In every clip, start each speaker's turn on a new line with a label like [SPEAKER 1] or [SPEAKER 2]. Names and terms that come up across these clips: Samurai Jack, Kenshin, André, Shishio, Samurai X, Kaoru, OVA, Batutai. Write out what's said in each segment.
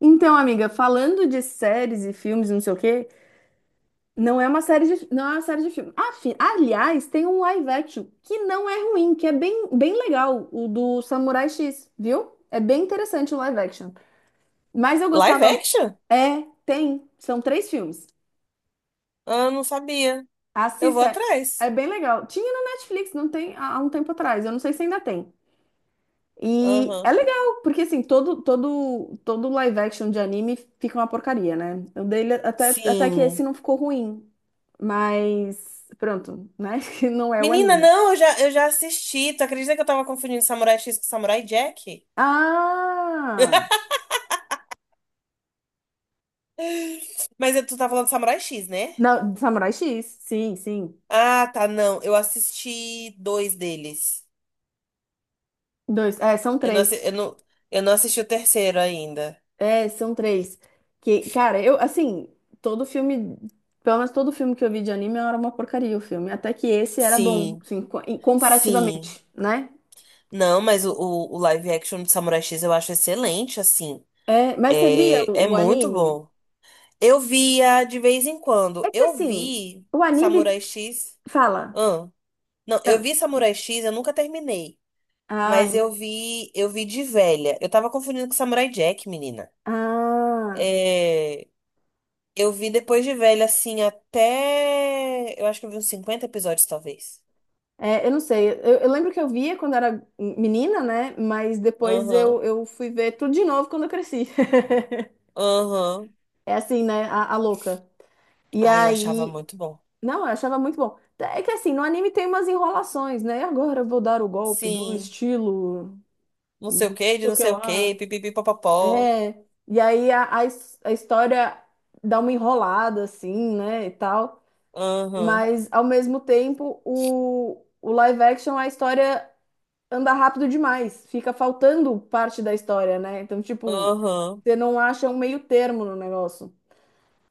[SPEAKER 1] Então, amiga, falando de séries e filmes e não sei o quê, não é uma série de, não é uma série de filme. Aliás, tem um live action que não é ruim, que é bem, bem legal, o do Samurai X, viu? É bem interessante o live action. Mas eu
[SPEAKER 2] Live
[SPEAKER 1] gostava.
[SPEAKER 2] action?
[SPEAKER 1] É, tem. São três filmes.
[SPEAKER 2] Ah, não sabia. Eu vou
[SPEAKER 1] Assista.
[SPEAKER 2] atrás.
[SPEAKER 1] É bem legal. Tinha no Netflix, não tem, há um tempo atrás. Eu não sei se ainda tem. E é
[SPEAKER 2] Aham.
[SPEAKER 1] legal, porque assim, todo live action de anime fica uma porcaria, né? O dele, até que esse
[SPEAKER 2] Sim.
[SPEAKER 1] não ficou ruim, mas pronto, né? Que não é o
[SPEAKER 2] Menina,
[SPEAKER 1] anime.
[SPEAKER 2] não, eu já assisti. Tu acredita que eu tava confundindo Samurai X com Samurai Jack?
[SPEAKER 1] Ah!
[SPEAKER 2] Mas tu tá falando Samurai X, né?
[SPEAKER 1] Não, Samurai X, sim, sim.
[SPEAKER 2] Ah, tá, não. Eu assisti dois deles.
[SPEAKER 1] Dois, é, são
[SPEAKER 2] Eu não,
[SPEAKER 1] três.
[SPEAKER 2] assi- eu não, eu não assisti o terceiro ainda.
[SPEAKER 1] É, são três. Que, cara, eu, assim, todo filme, pelo menos todo filme que eu vi de anime era uma porcaria o filme, até que esse era bom,
[SPEAKER 2] Sim,
[SPEAKER 1] assim,
[SPEAKER 2] sim.
[SPEAKER 1] comparativamente, né?
[SPEAKER 2] Não, mas o live action de Samurai X eu acho excelente, assim.
[SPEAKER 1] É, mas você via o
[SPEAKER 2] É, é
[SPEAKER 1] o
[SPEAKER 2] muito
[SPEAKER 1] anime?
[SPEAKER 2] bom. Eu via de vez em quando.
[SPEAKER 1] É que
[SPEAKER 2] Eu
[SPEAKER 1] assim,
[SPEAKER 2] vi
[SPEAKER 1] o anime
[SPEAKER 2] Samurai X.
[SPEAKER 1] fala.
[SPEAKER 2] Ahn. Não, eu
[SPEAKER 1] Então,
[SPEAKER 2] vi Samurai X, eu nunca terminei.
[SPEAKER 1] ah,
[SPEAKER 2] Mas eu vi de velha. Eu tava confundindo com Samurai Jack, menina.
[SPEAKER 1] ah,
[SPEAKER 2] É, eu vi depois de velha, assim, até. Eu acho que eu vi uns 50 episódios, talvez.
[SPEAKER 1] é, eu não sei. Eu lembro que eu via quando era menina, né? Mas depois
[SPEAKER 2] Aham,
[SPEAKER 1] eu fui ver tudo de novo quando eu cresci.
[SPEAKER 2] aham.
[SPEAKER 1] É assim, né? A louca. E
[SPEAKER 2] Ai, eu achava
[SPEAKER 1] aí.
[SPEAKER 2] muito bom.
[SPEAKER 1] Não, eu achava muito bom. É que assim, no anime tem umas enrolações, né? Agora eu vou dar o golpe do
[SPEAKER 2] Sim.
[SPEAKER 1] estilo.
[SPEAKER 2] Não sei
[SPEAKER 1] Não
[SPEAKER 2] o que, de
[SPEAKER 1] sei o
[SPEAKER 2] não
[SPEAKER 1] que
[SPEAKER 2] sei o
[SPEAKER 1] lá.
[SPEAKER 2] que, pipipi, popopó.
[SPEAKER 1] É. E aí a história dá uma enrolada, assim, né? E tal.
[SPEAKER 2] Aham,
[SPEAKER 1] Mas, ao mesmo tempo, o live action, a história anda rápido demais. Fica faltando parte da história, né? Então, tipo,
[SPEAKER 2] aham.
[SPEAKER 1] você não acha um meio termo no negócio.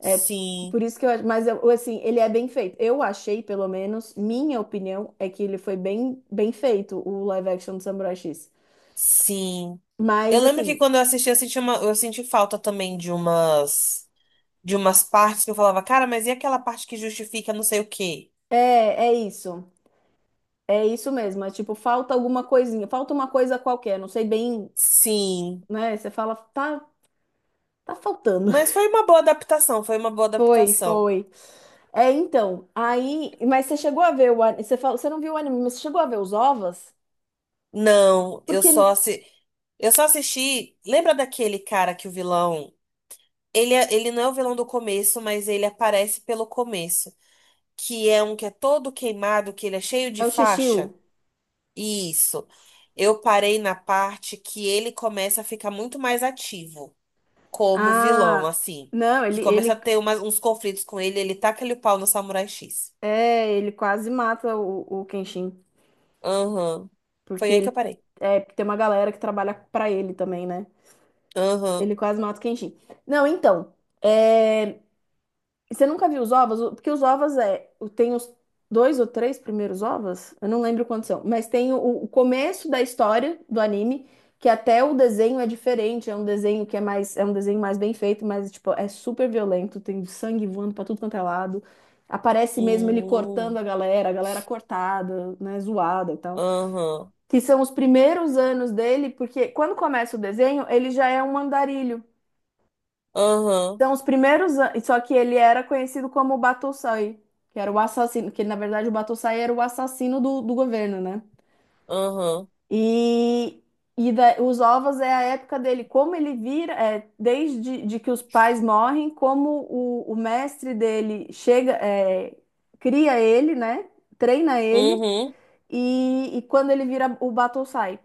[SPEAKER 1] É
[SPEAKER 2] Sim.
[SPEAKER 1] por isso que eu acho. Mas, assim, ele é bem feito. Eu achei, pelo menos, minha opinião é que ele foi bem, bem feito, o live action do Samurai X.
[SPEAKER 2] Sim. Eu
[SPEAKER 1] Mas,
[SPEAKER 2] lembro que
[SPEAKER 1] assim,
[SPEAKER 2] quando eu assisti, eu senti falta também de umas partes que eu falava, cara, mas e aquela parte que justifica não sei o quê?
[SPEAKER 1] é, é isso. É isso mesmo. É tipo, falta alguma coisinha. Falta uma coisa qualquer. Não sei bem,
[SPEAKER 2] Sim.
[SPEAKER 1] né? Você fala, tá, tá faltando.
[SPEAKER 2] Mas foi uma boa adaptação, foi uma boa
[SPEAKER 1] Foi,
[SPEAKER 2] adaptação.
[SPEAKER 1] foi. É, então, aí. Mas você chegou a Você falou, você não viu o anime, mas você chegou a ver os ovos?
[SPEAKER 2] Não,
[SPEAKER 1] Porque.
[SPEAKER 2] eu só assisti. Lembra daquele cara que o vilão. Ele não é o vilão do começo, mas ele aparece pelo começo. Que é um que é todo queimado, que ele é cheio
[SPEAKER 1] É
[SPEAKER 2] de
[SPEAKER 1] o Shishio.
[SPEAKER 2] faixa. Isso. Eu parei na parte que ele começa a ficar muito mais ativo como vilão,
[SPEAKER 1] Ah,
[SPEAKER 2] assim.
[SPEAKER 1] não,
[SPEAKER 2] Que começa a
[SPEAKER 1] ele.
[SPEAKER 2] ter uns conflitos com ele, ele taca ele o pau no Samurai X.
[SPEAKER 1] É, ele quase mata o Kenshin.
[SPEAKER 2] Aham.
[SPEAKER 1] Porque
[SPEAKER 2] Foi aí que eu
[SPEAKER 1] ele.
[SPEAKER 2] parei.
[SPEAKER 1] É, porque tem uma galera que trabalha pra ele também, né?
[SPEAKER 2] Aham.
[SPEAKER 1] Ele quase mata o Kenshin. Não, então, é. E você nunca viu os ovos? O- Porque os ovos é. O- Tem os dois ou três primeiros ovos? Eu não lembro quantos são. Mas tem o começo da história do anime, que até o desenho é diferente. É um desenho que é mais. É um desenho mais bem feito, mas, tipo, é super violento. Tem sangue voando pra tudo quanto é lado. Aparece mesmo ele cortando
[SPEAKER 2] Hum.
[SPEAKER 1] a galera cortada, né? Zoada e tal.
[SPEAKER 2] Aham.
[SPEAKER 1] Que são os primeiros anos dele, porque quando começa o desenho, ele já é um andarilho.
[SPEAKER 2] Aham.
[SPEAKER 1] São os primeiros anos. Só que ele era conhecido como o Batutai, que era o assassino. Que ele, na verdade, o Batutai era o assassino do governo, né?
[SPEAKER 2] Aham.
[SPEAKER 1] E, os ovos é a época dele. Como ele vira, é, desde de que os pais morrem, como o mestre dele chega, é, cria ele, né? Treina ele.
[SPEAKER 2] Uhum.
[SPEAKER 1] E quando ele vira o Batutai.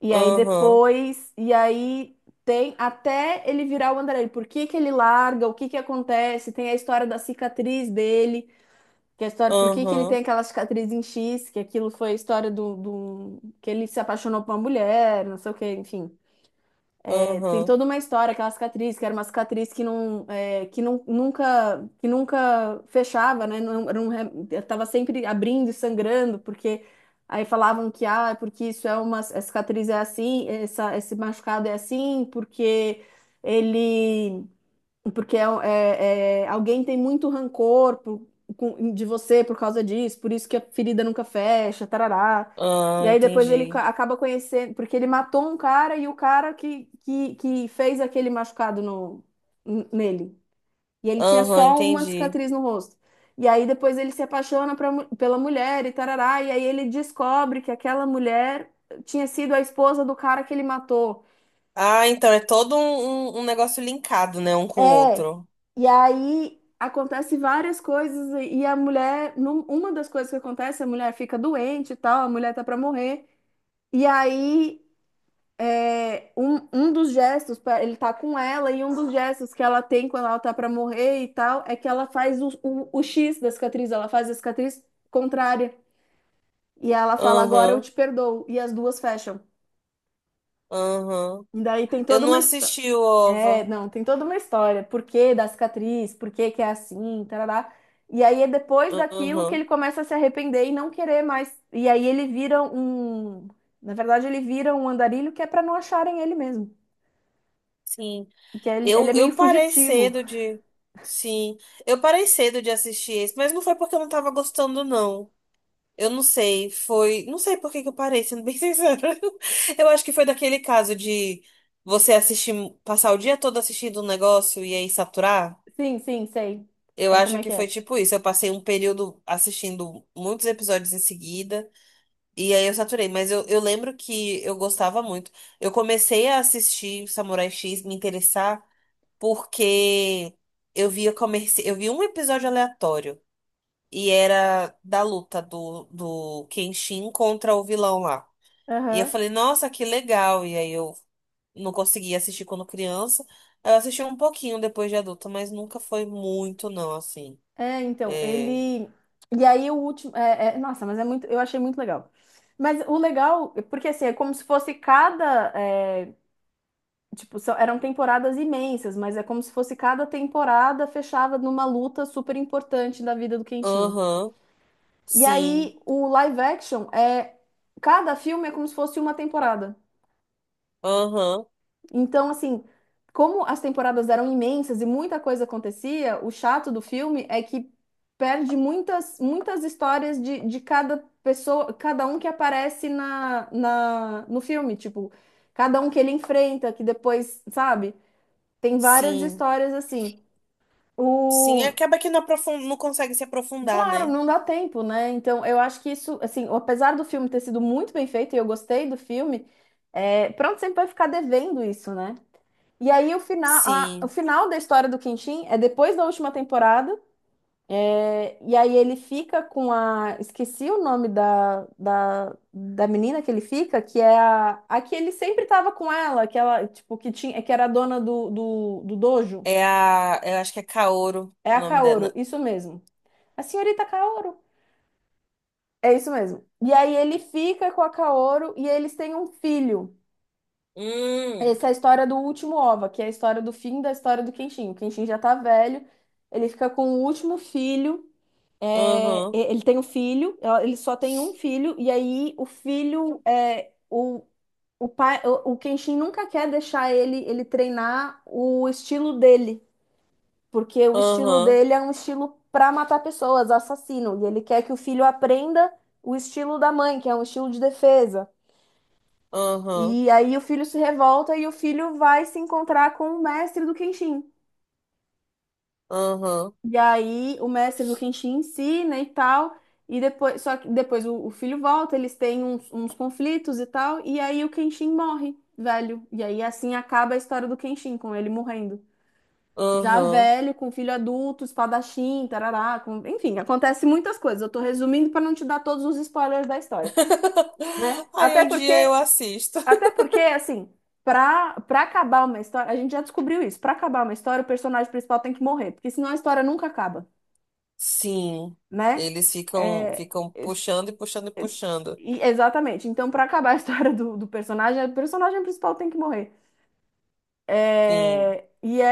[SPEAKER 2] Aham.
[SPEAKER 1] E aí tem até ele virar o André. Por que que ele larga? O que que acontece? Tem a história da cicatriz dele, que é a história por que que ele tem
[SPEAKER 2] Aham.
[SPEAKER 1] aquela cicatriz em X, que aquilo foi a história do que ele se apaixonou por uma mulher, não sei o que, enfim. É, tem
[SPEAKER 2] Aham.
[SPEAKER 1] toda uma história, aquela cicatriz, que era uma cicatriz que não, é, que não, nunca, que nunca fechava, né? Não, era um tava sempre abrindo e sangrando, porque aí falavam que, ah, é porque isso é uma, a cicatriz é assim, essa, esse machucado é assim, porque ele porque é, alguém tem muito rancor de você por causa disso, por isso que a ferida nunca fecha, tarará. E
[SPEAKER 2] Ah,
[SPEAKER 1] aí depois ele
[SPEAKER 2] entendi.
[SPEAKER 1] acaba conhecendo, porque ele matou um cara e o cara que fez aquele machucado no, nele. E ele tinha
[SPEAKER 2] Aham,
[SPEAKER 1] só uma
[SPEAKER 2] entendi.
[SPEAKER 1] cicatriz no rosto. E aí depois ele se apaixona pela mulher e tarará. E aí ele descobre que aquela mulher tinha sido a esposa do cara que ele matou.
[SPEAKER 2] Ah, então é todo um, um negócio linkado, né? Um com o
[SPEAKER 1] É,
[SPEAKER 2] outro.
[SPEAKER 1] e aí acontece várias coisas e a mulher, uma das coisas que acontece, a mulher fica doente e tal, a mulher tá pra morrer. E aí é, um dos gestos, ele tá com ela e um dos gestos que ela tem quando ela tá pra morrer e tal, é que ela faz o X da cicatriz, ela faz a cicatriz contrária. E ela fala, agora eu
[SPEAKER 2] Aham.
[SPEAKER 1] te perdoo. E as duas fecham.
[SPEAKER 2] Aham.
[SPEAKER 1] E daí tem
[SPEAKER 2] Eu
[SPEAKER 1] toda
[SPEAKER 2] não
[SPEAKER 1] uma história.
[SPEAKER 2] assisti o
[SPEAKER 1] É,
[SPEAKER 2] OVA.
[SPEAKER 1] não, tem toda uma história. Por que da cicatriz? Por que que é assim? Tarará. E aí é depois daquilo que ele
[SPEAKER 2] Aham.
[SPEAKER 1] começa a se arrepender e não querer mais. E aí ele vira um. Na verdade, ele vira um andarilho que é pra não acharem ele mesmo.
[SPEAKER 2] Sim.
[SPEAKER 1] E que ele é meio
[SPEAKER 2] Eu parei
[SPEAKER 1] fugitivo.
[SPEAKER 2] cedo de. Sim. Eu parei cedo de assistir esse, mas não foi porque eu não tava gostando, não. Eu não sei. Foi. Não sei por que que eu parei, sendo bem sincera. Eu acho que foi daquele caso de você assistir, passar o dia todo assistindo um negócio e aí saturar.
[SPEAKER 1] Sim, sim, sei.
[SPEAKER 2] Eu
[SPEAKER 1] Sei como
[SPEAKER 2] acho
[SPEAKER 1] é
[SPEAKER 2] que
[SPEAKER 1] que
[SPEAKER 2] foi
[SPEAKER 1] é.
[SPEAKER 2] tipo isso. Eu passei um período assistindo muitos episódios em seguida. E aí eu saturei, mas eu lembro que eu gostava muito. Eu comecei a assistir Samurai X, me interessar, porque eu vi um episódio aleatório. E era da luta do Kenshin contra o vilão lá. E eu
[SPEAKER 1] Aham.
[SPEAKER 2] falei, nossa, que legal. E aí eu não conseguia assistir quando criança. Eu assisti um pouquinho depois de adulta, mas nunca foi muito, não, assim.
[SPEAKER 1] É, então,
[SPEAKER 2] É.
[SPEAKER 1] ele. E aí o último, é, nossa, mas é muito. Eu achei muito legal. Mas o legal, porque assim, é como se fosse cada, é, tipo, eram temporadas imensas, mas é como se fosse cada temporada fechava numa luta super importante da vida do Quentin.
[SPEAKER 2] Aham,
[SPEAKER 1] E aí,
[SPEAKER 2] sim.
[SPEAKER 1] o live action é. Cada filme é como se fosse uma temporada.
[SPEAKER 2] Aham,
[SPEAKER 1] Então, assim, como as temporadas eram imensas e muita coisa acontecia, o chato do filme é que perde muitas histórias de cada pessoa, cada um que aparece no filme. Tipo, cada um que ele enfrenta, que depois, sabe? Tem várias
[SPEAKER 2] sim.
[SPEAKER 1] histórias assim.
[SPEAKER 2] Sim,
[SPEAKER 1] O...
[SPEAKER 2] acaba que não, não consegue se
[SPEAKER 1] e
[SPEAKER 2] aprofundar,
[SPEAKER 1] claro,
[SPEAKER 2] né?
[SPEAKER 1] não dá tempo, né? Então, eu acho que isso, assim, apesar do filme ter sido muito bem feito e eu gostei do filme, é... pronto, sempre vai ficar devendo isso, né? E aí, o final, o
[SPEAKER 2] Sim.
[SPEAKER 1] final da história do Quintin é depois da última temporada, é, e aí ele fica com a. Esqueci o nome da menina que ele fica, que é a que ele sempre tava com ela, que ela, tipo, que tinha, que era a dona do dojo.
[SPEAKER 2] É a. Eu acho que é Kaoru
[SPEAKER 1] É
[SPEAKER 2] o
[SPEAKER 1] a
[SPEAKER 2] nome
[SPEAKER 1] Kaoru,
[SPEAKER 2] dela.
[SPEAKER 1] isso mesmo. A senhorita Kaoru. É isso mesmo. E aí ele fica com a Kaoru e eles têm um filho.
[SPEAKER 2] Hum.
[SPEAKER 1] Essa é a história do último OVA, que é a história do fim da história do Kenshin. O Kenshin já tá velho, ele fica com o último filho. É,
[SPEAKER 2] Aham.
[SPEAKER 1] ele tem um filho, ele só tem um filho, e aí o filho é o pai, o Kenshin nunca quer deixar ele treinar o estilo dele. Porque o estilo
[SPEAKER 2] Aham.
[SPEAKER 1] dele é um estilo pra matar pessoas, assassino, e ele quer que o filho aprenda o estilo da mãe, que é um estilo de defesa.
[SPEAKER 2] Aham.
[SPEAKER 1] E aí o filho se revolta e o filho vai se encontrar com o mestre do Kenshin.
[SPEAKER 2] Aham.
[SPEAKER 1] E aí o mestre do Kenshin ensina e tal, e depois, só que depois o filho volta, eles têm uns conflitos e tal, e aí o Kenshin morre, velho. E aí assim acaba a história do Kenshin, com ele morrendo. Já
[SPEAKER 2] Aham.
[SPEAKER 1] velho, com filho adulto, espadachim, tarará, enfim, acontece muitas coisas. Eu tô resumindo para não te dar todos os spoilers da história, né?
[SPEAKER 2] Aí um dia eu assisto.
[SPEAKER 1] Até porque, assim, pra acabar uma história, a gente já descobriu isso. Pra acabar uma história, o personagem principal tem que morrer, porque senão a história nunca acaba,
[SPEAKER 2] Sim.
[SPEAKER 1] né?
[SPEAKER 2] Eles ficam,
[SPEAKER 1] É,
[SPEAKER 2] ficam
[SPEAKER 1] é,
[SPEAKER 2] puxando e puxando e
[SPEAKER 1] é,
[SPEAKER 2] puxando.
[SPEAKER 1] exatamente. Então, pra acabar a história do personagem, o personagem principal tem que morrer.
[SPEAKER 2] Sim.
[SPEAKER 1] É, e é,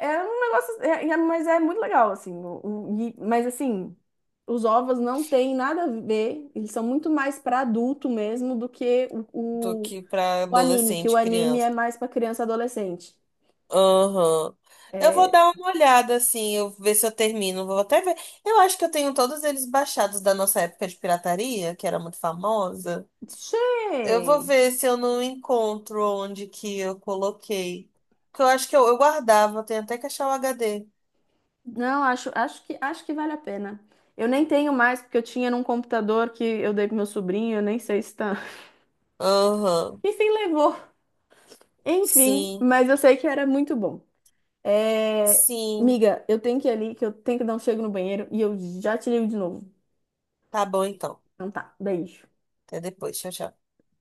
[SPEAKER 1] é, é um negócio, mas é muito legal, assim. Mas assim, os ovos não têm nada a ver, eles são muito mais para adulto mesmo do que
[SPEAKER 2] Do que pra
[SPEAKER 1] o anime, que o
[SPEAKER 2] adolescente,
[SPEAKER 1] anime é
[SPEAKER 2] criança.
[SPEAKER 1] mais para criança e adolescente.
[SPEAKER 2] Aham. Eu vou dar uma olhada, assim, eu ver se eu termino. Vou até ver. Eu acho que eu tenho todos eles baixados da nossa época de pirataria, que era muito famosa. Eu vou
[SPEAKER 1] Sim.
[SPEAKER 2] ver se eu não encontro onde que eu coloquei. Porque eu acho que eu guardava, eu tenho até que achar o HD.
[SPEAKER 1] Não, acho que vale a pena. Eu nem tenho mais, porque eu tinha num computador que eu dei pro meu sobrinho, eu nem sei se tá.
[SPEAKER 2] Aham.
[SPEAKER 1] Enfim, levou. Enfim,
[SPEAKER 2] Sim,
[SPEAKER 1] mas eu sei que era muito bom. É...
[SPEAKER 2] sim.
[SPEAKER 1] Miga, eu tenho que ir ali, que eu tenho que dar um chego no banheiro e eu já te ligo de novo.
[SPEAKER 2] Tá bom, então.
[SPEAKER 1] Então tá, beijo.
[SPEAKER 2] Até depois. Tchau, tchau.